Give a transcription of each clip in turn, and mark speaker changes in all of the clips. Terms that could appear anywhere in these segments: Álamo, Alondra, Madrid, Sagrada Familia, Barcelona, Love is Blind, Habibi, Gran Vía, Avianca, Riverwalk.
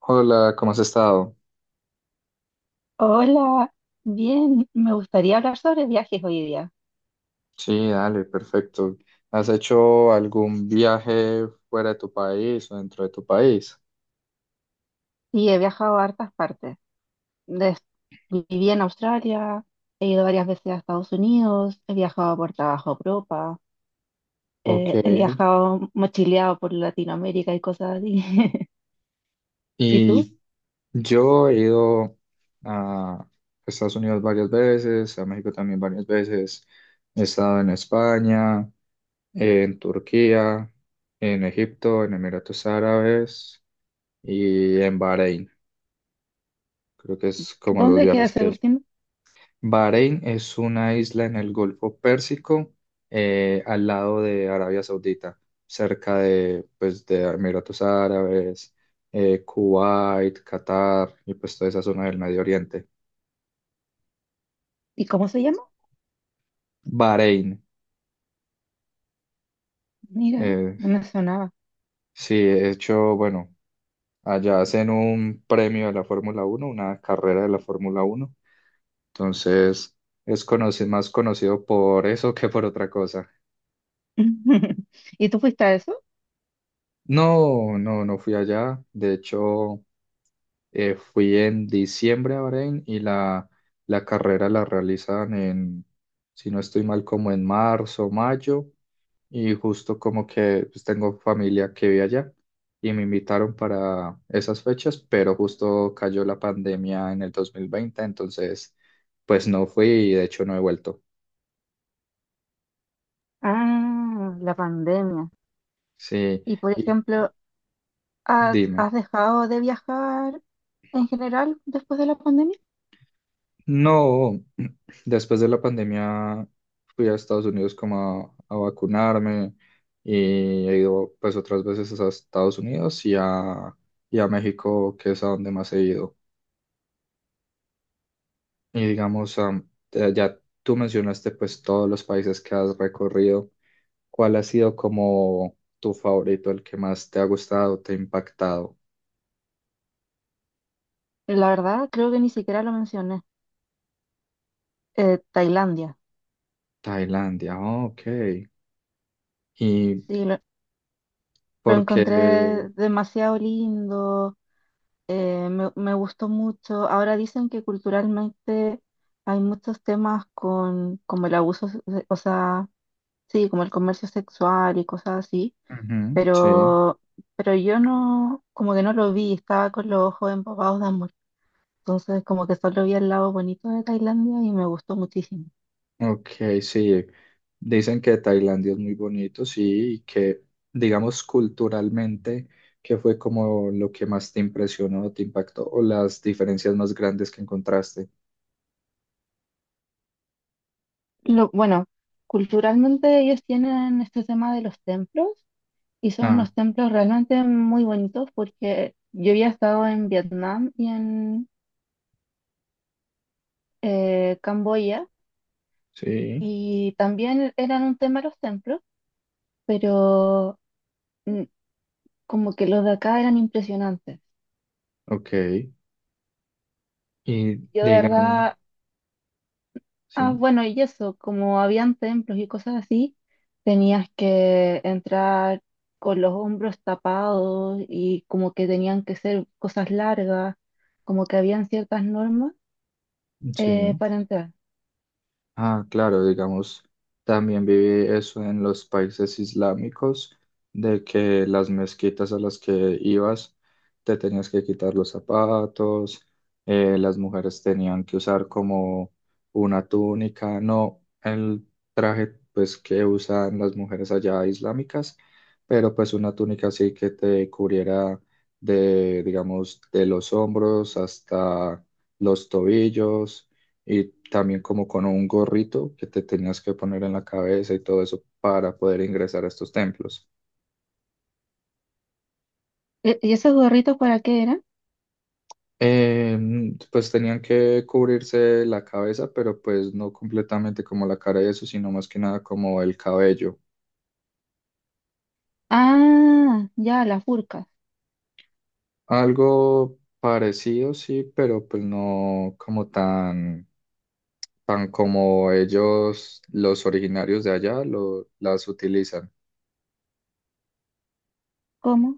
Speaker 1: Hola, ¿cómo has estado?
Speaker 2: Hola, bien, me gustaría hablar sobre viajes hoy día.
Speaker 1: Sí, dale, perfecto. ¿Has hecho algún viaje fuera de tu país o dentro de tu país?
Speaker 2: Sí, he viajado a hartas partes. Des- viví en Australia, he ido varias veces a Estados Unidos, he viajado por trabajo a Europa,
Speaker 1: Ok.
Speaker 2: he viajado mochileado por Latinoamérica y cosas así. ¿Y tú?
Speaker 1: Y yo he ido a Estados Unidos varias veces, a México también varias veces. He estado en España, en Turquía, en Egipto, en Emiratos Árabes y en Bahrein. Creo que es como los
Speaker 2: ¿Dónde queda
Speaker 1: viajes que
Speaker 2: ese
Speaker 1: he hecho.
Speaker 2: último?
Speaker 1: Bahrein es una isla en el Golfo Pérsico, al lado de Arabia Saudita, cerca de, pues, de Emiratos Árabes, Kuwait, Qatar y pues toda esa zona del Medio Oriente.
Speaker 2: ¿Y cómo se llama?
Speaker 1: Bahrein,
Speaker 2: Mira,
Speaker 1: eh,
Speaker 2: no me sonaba.
Speaker 1: sí, de hecho, bueno, allá hacen un premio de la Fórmula Uno, una carrera de la Fórmula Uno, entonces es más conocido por eso que por otra cosa.
Speaker 2: ¿Y tú fuiste a eso?
Speaker 1: No, no, no fui allá. De hecho, fui en diciembre a Bahrein y la carrera la realizan en, si no estoy mal, como en marzo, mayo, y justo como que pues, tengo familia que vive allá y me invitaron para esas fechas, pero justo cayó la pandemia en el 2020, entonces pues no fui y de hecho no he vuelto.
Speaker 2: Ah, la pandemia.
Speaker 1: Sí,
Speaker 2: Y por
Speaker 1: y
Speaker 2: ejemplo, ¿Has,
Speaker 1: dime.
Speaker 2: has dejado de viajar en general después de la pandemia?
Speaker 1: No. Después de la pandemia fui a Estados Unidos como a vacunarme y he ido pues otras veces a Estados Unidos y a México, que es a donde más he ido. Y digamos, ya tú mencionaste pues todos los países que has recorrido. ¿Cuál ha sido como tu favorito, el que más te ha gustado, te ha impactado?
Speaker 2: La verdad, creo que ni siquiera lo mencioné. Tailandia.
Speaker 1: Tailandia, oh, ok. ¿Y
Speaker 2: Sí, lo
Speaker 1: por qué?
Speaker 2: encontré demasiado lindo, me gustó mucho. Ahora dicen que culturalmente hay muchos temas con como el abuso, se- o sea, sí, como el comercio sexual y cosas así,
Speaker 1: Ujú, sí.
Speaker 2: pero, pero yo no, como que no lo vi, estaba con los ojos embobados de amor. Entonces, como que solo vi el lado bonito de Tailandia y me gustó muchísimo.
Speaker 1: Ok, sí. Dicen que Tailandia es muy bonito, sí, y que, digamos, culturalmente, qué fue como lo que más te impresionó, te impactó, o las diferencias más grandes que encontraste.
Speaker 2: Lo, bueno, culturalmente ellos tienen este tema de los templos y son
Speaker 1: Ah,
Speaker 2: unos templos realmente muy bonitos porque yo había estado en Vietnam y en Camboya
Speaker 1: sí,
Speaker 2: y también eran un tema los templos, pero mm, como que los de acá eran impresionantes.
Speaker 1: ok. Y
Speaker 2: Yo de
Speaker 1: digamos,
Speaker 2: verdad. Ah,
Speaker 1: sí,
Speaker 2: bueno, y eso, como habían templos y cosas así, tenías que entrar con los hombros tapados y como que tenían que ser cosas largas, como que habían ciertas normas
Speaker 1: sí.
Speaker 2: para entrar.
Speaker 1: Ah, claro, digamos, también viví eso en los países islámicos, de que las mezquitas a las que ibas te tenías que quitar los zapatos, las mujeres tenían que usar como una túnica, no el traje pues que usan las mujeres allá islámicas, pero pues una túnica así que te cubriera de, digamos, de los hombros hasta los tobillos y también como con un gorrito que te tenías que poner en la cabeza y todo eso para poder ingresar a estos templos.
Speaker 2: E- ¿Y esos gorritos para qué eran?
Speaker 1: Pues tenían que cubrirse la cabeza, pero pues no completamente como la cara y eso, sino más que nada como el cabello.
Speaker 2: Ah, ya, las burcas.
Speaker 1: Algo parecido, sí, pero pues no como tan, tan como ellos, los originarios de allá, las utilizan.
Speaker 2: ¿Cómo?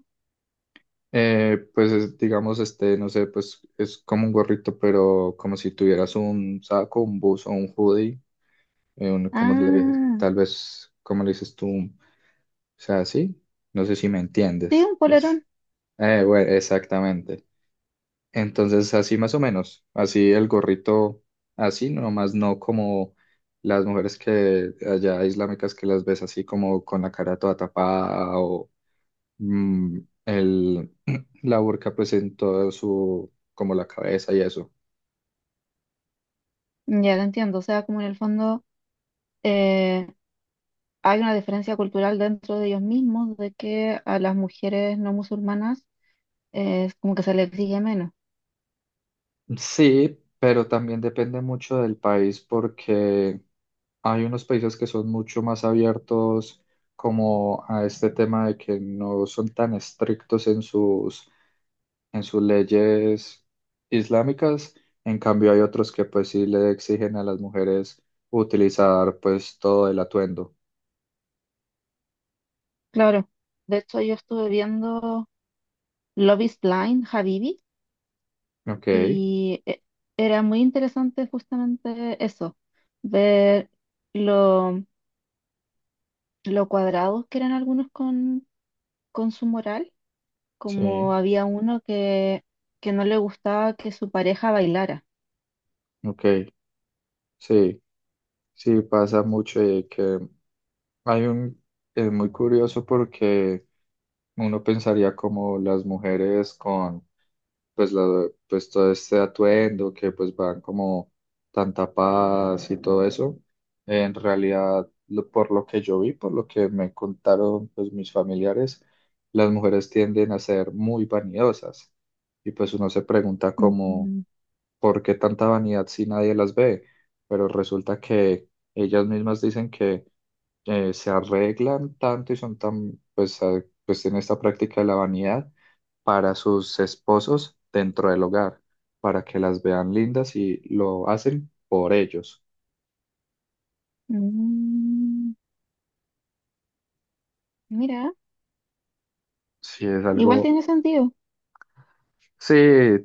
Speaker 1: Pues es, digamos, este, no sé, pues es como un gorrito, pero como si tuvieras un saco, un buzo, un hoodie, como le,
Speaker 2: Ah,
Speaker 1: tal vez, como le dices tú, o sea, sí, no sé si me
Speaker 2: sí,
Speaker 1: entiendes.
Speaker 2: un
Speaker 1: Pues,
Speaker 2: polerón.
Speaker 1: bueno, exactamente. Entonces, así más o menos, así el gorrito, así, nomás no como las mujeres que allá islámicas que las ves así como con la cara toda tapada mm, el, la burka pues en todo su, como la cabeza y eso.
Speaker 2: Ya te entiendo, o sea, como en el fondo eh, hay una diferencia cultural dentro de ellos mismos de que a las mujeres no musulmanas es como que se le exige menos.
Speaker 1: Sí, pero también depende mucho del país porque hay unos países que son mucho más abiertos como a este tema de que no son tan estrictos en sus leyes islámicas. En cambio, hay otros que pues sí le exigen a las mujeres utilizar pues todo el atuendo.
Speaker 2: Claro, de hecho yo estuve viendo Love is Blind, Habibi,
Speaker 1: Ok,
Speaker 2: y e- era muy interesante justamente eso, ver lo, lo cuadrados que eran algunos con su moral, como
Speaker 1: sí,
Speaker 2: había uno que no le gustaba que su pareja bailara.
Speaker 1: ok, sí. Sí, pasa mucho y que hay un, es muy curioso porque uno pensaría como las mujeres con pues, todo este atuendo que pues van como tan tapadas y todo eso. En realidad, por lo que yo vi, por lo que me contaron pues mis familiares, las mujeres tienden a ser muy vanidosas y pues uno se pregunta como,
Speaker 2: Mm,
Speaker 1: ¿por qué tanta vanidad si nadie las ve? Pero resulta que ellas mismas dicen que se arreglan tanto y son tan, pues en esta práctica de la vanidad para sus esposos dentro del hogar, para que las vean lindas y lo hacen por ellos.
Speaker 2: mm, mira,
Speaker 1: Sí, es
Speaker 2: igual
Speaker 1: algo,
Speaker 2: tiene sentido,
Speaker 1: sí,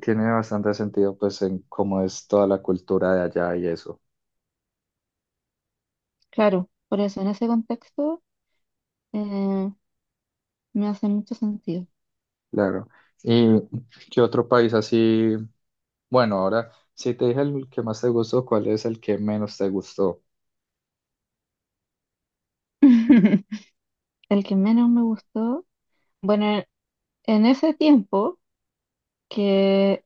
Speaker 1: tiene bastante sentido, pues, en cómo es toda la cultura de allá y eso,
Speaker 2: claro, por eso en ese contexto, eh, me hace mucho sentido.
Speaker 1: claro. ¿Y qué otro país así? Bueno, ahora, si te dije el que más te gustó, ¿cuál es el que menos te gustó?
Speaker 2: El que menos me gustó, bueno, e, en ese tiempo, que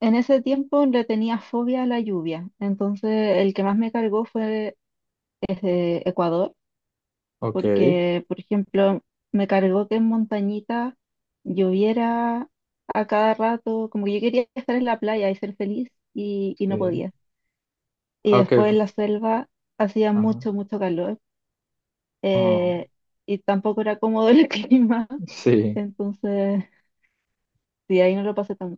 Speaker 2: en ese tiempo le tenía fobia a la lluvia, entonces el que más me cargó fue ese Ecuador,
Speaker 1: Ok,
Speaker 2: porque, por ejemplo, me cargó que en montañita lloviera a cada rato, como que yo quería estar en la playa y ser feliz y no
Speaker 1: sí.
Speaker 2: podía. Y
Speaker 1: Ok,
Speaker 2: después en la selva hacía
Speaker 1: ajá.
Speaker 2: mucho, mucho calor,
Speaker 1: Oh.
Speaker 2: eh, y tampoco era cómodo el clima,
Speaker 1: Sí,
Speaker 2: entonces, sí, ahí no lo pasé tan.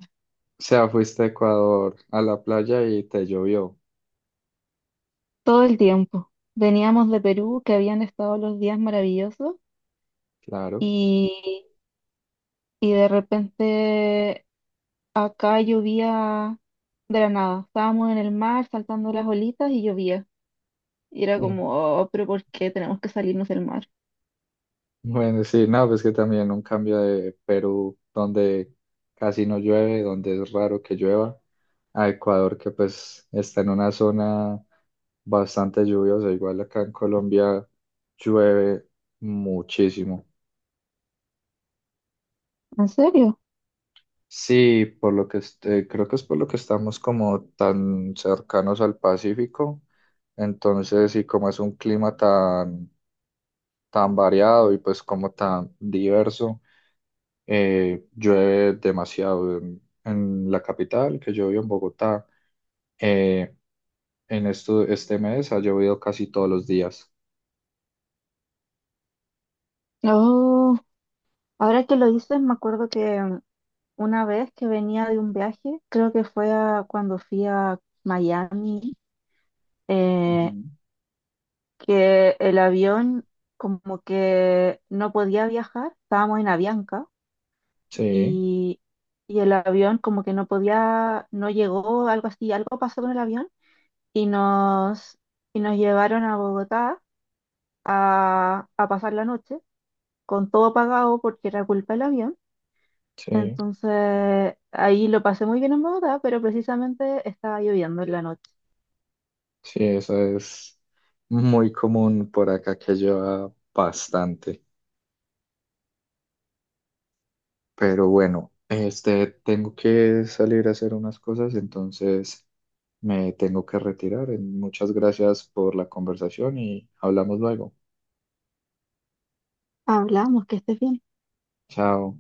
Speaker 1: o sea, fuiste a Ecuador a la playa y te llovió,
Speaker 2: Todo el tiempo. Veníamos de Perú, que habían estado los días maravillosos,
Speaker 1: claro.
Speaker 2: y, y de repente acá llovía de la nada. Estábamos en el mar saltando las olitas y llovía. Y era como, oh, pero ¿por qué tenemos que salirnos del mar?
Speaker 1: Mm. Bueno, sí, no, pues que también un cambio de Perú, donde casi no llueve, donde es raro que llueva, a Ecuador, que pues está en una zona bastante lluviosa, igual acá en Colombia llueve muchísimo.
Speaker 2: ¿En serio?
Speaker 1: Sí, por lo que creo que es por lo que estamos como tan cercanos al Pacífico, entonces, y como es un clima tan tan variado y pues como tan diverso. Llueve demasiado en la capital, que yo vivo en Bogotá. Eh, en este mes ha llovido casi todos los días.
Speaker 2: Oh, ahora que lo dices, me acuerdo que una vez que venía de un viaje, creo que fue a- cuando fui a Miami. eh,
Speaker 1: Ujú.
Speaker 2: que el avión como que no podía viajar, estábamos en Avianca
Speaker 1: Sí,
Speaker 2: y, y el avión como que no podía, no llegó, algo así, algo pasó con el avión y nos, y nos llevaron a Bogotá a pasar la noche con todo pagado porque era culpa del avión.
Speaker 1: sí,
Speaker 2: Entonces ahí lo pasé muy bien en Bogotá, pero precisamente estaba lloviendo en la noche.
Speaker 1: sí, eso es muy común por acá que lleva bastante. Pero bueno, tengo que salir a hacer unas cosas, entonces me tengo que retirar. Muchas gracias por la conversación y hablamos luego.
Speaker 2: Hablamos, que estés bien.
Speaker 1: Chao.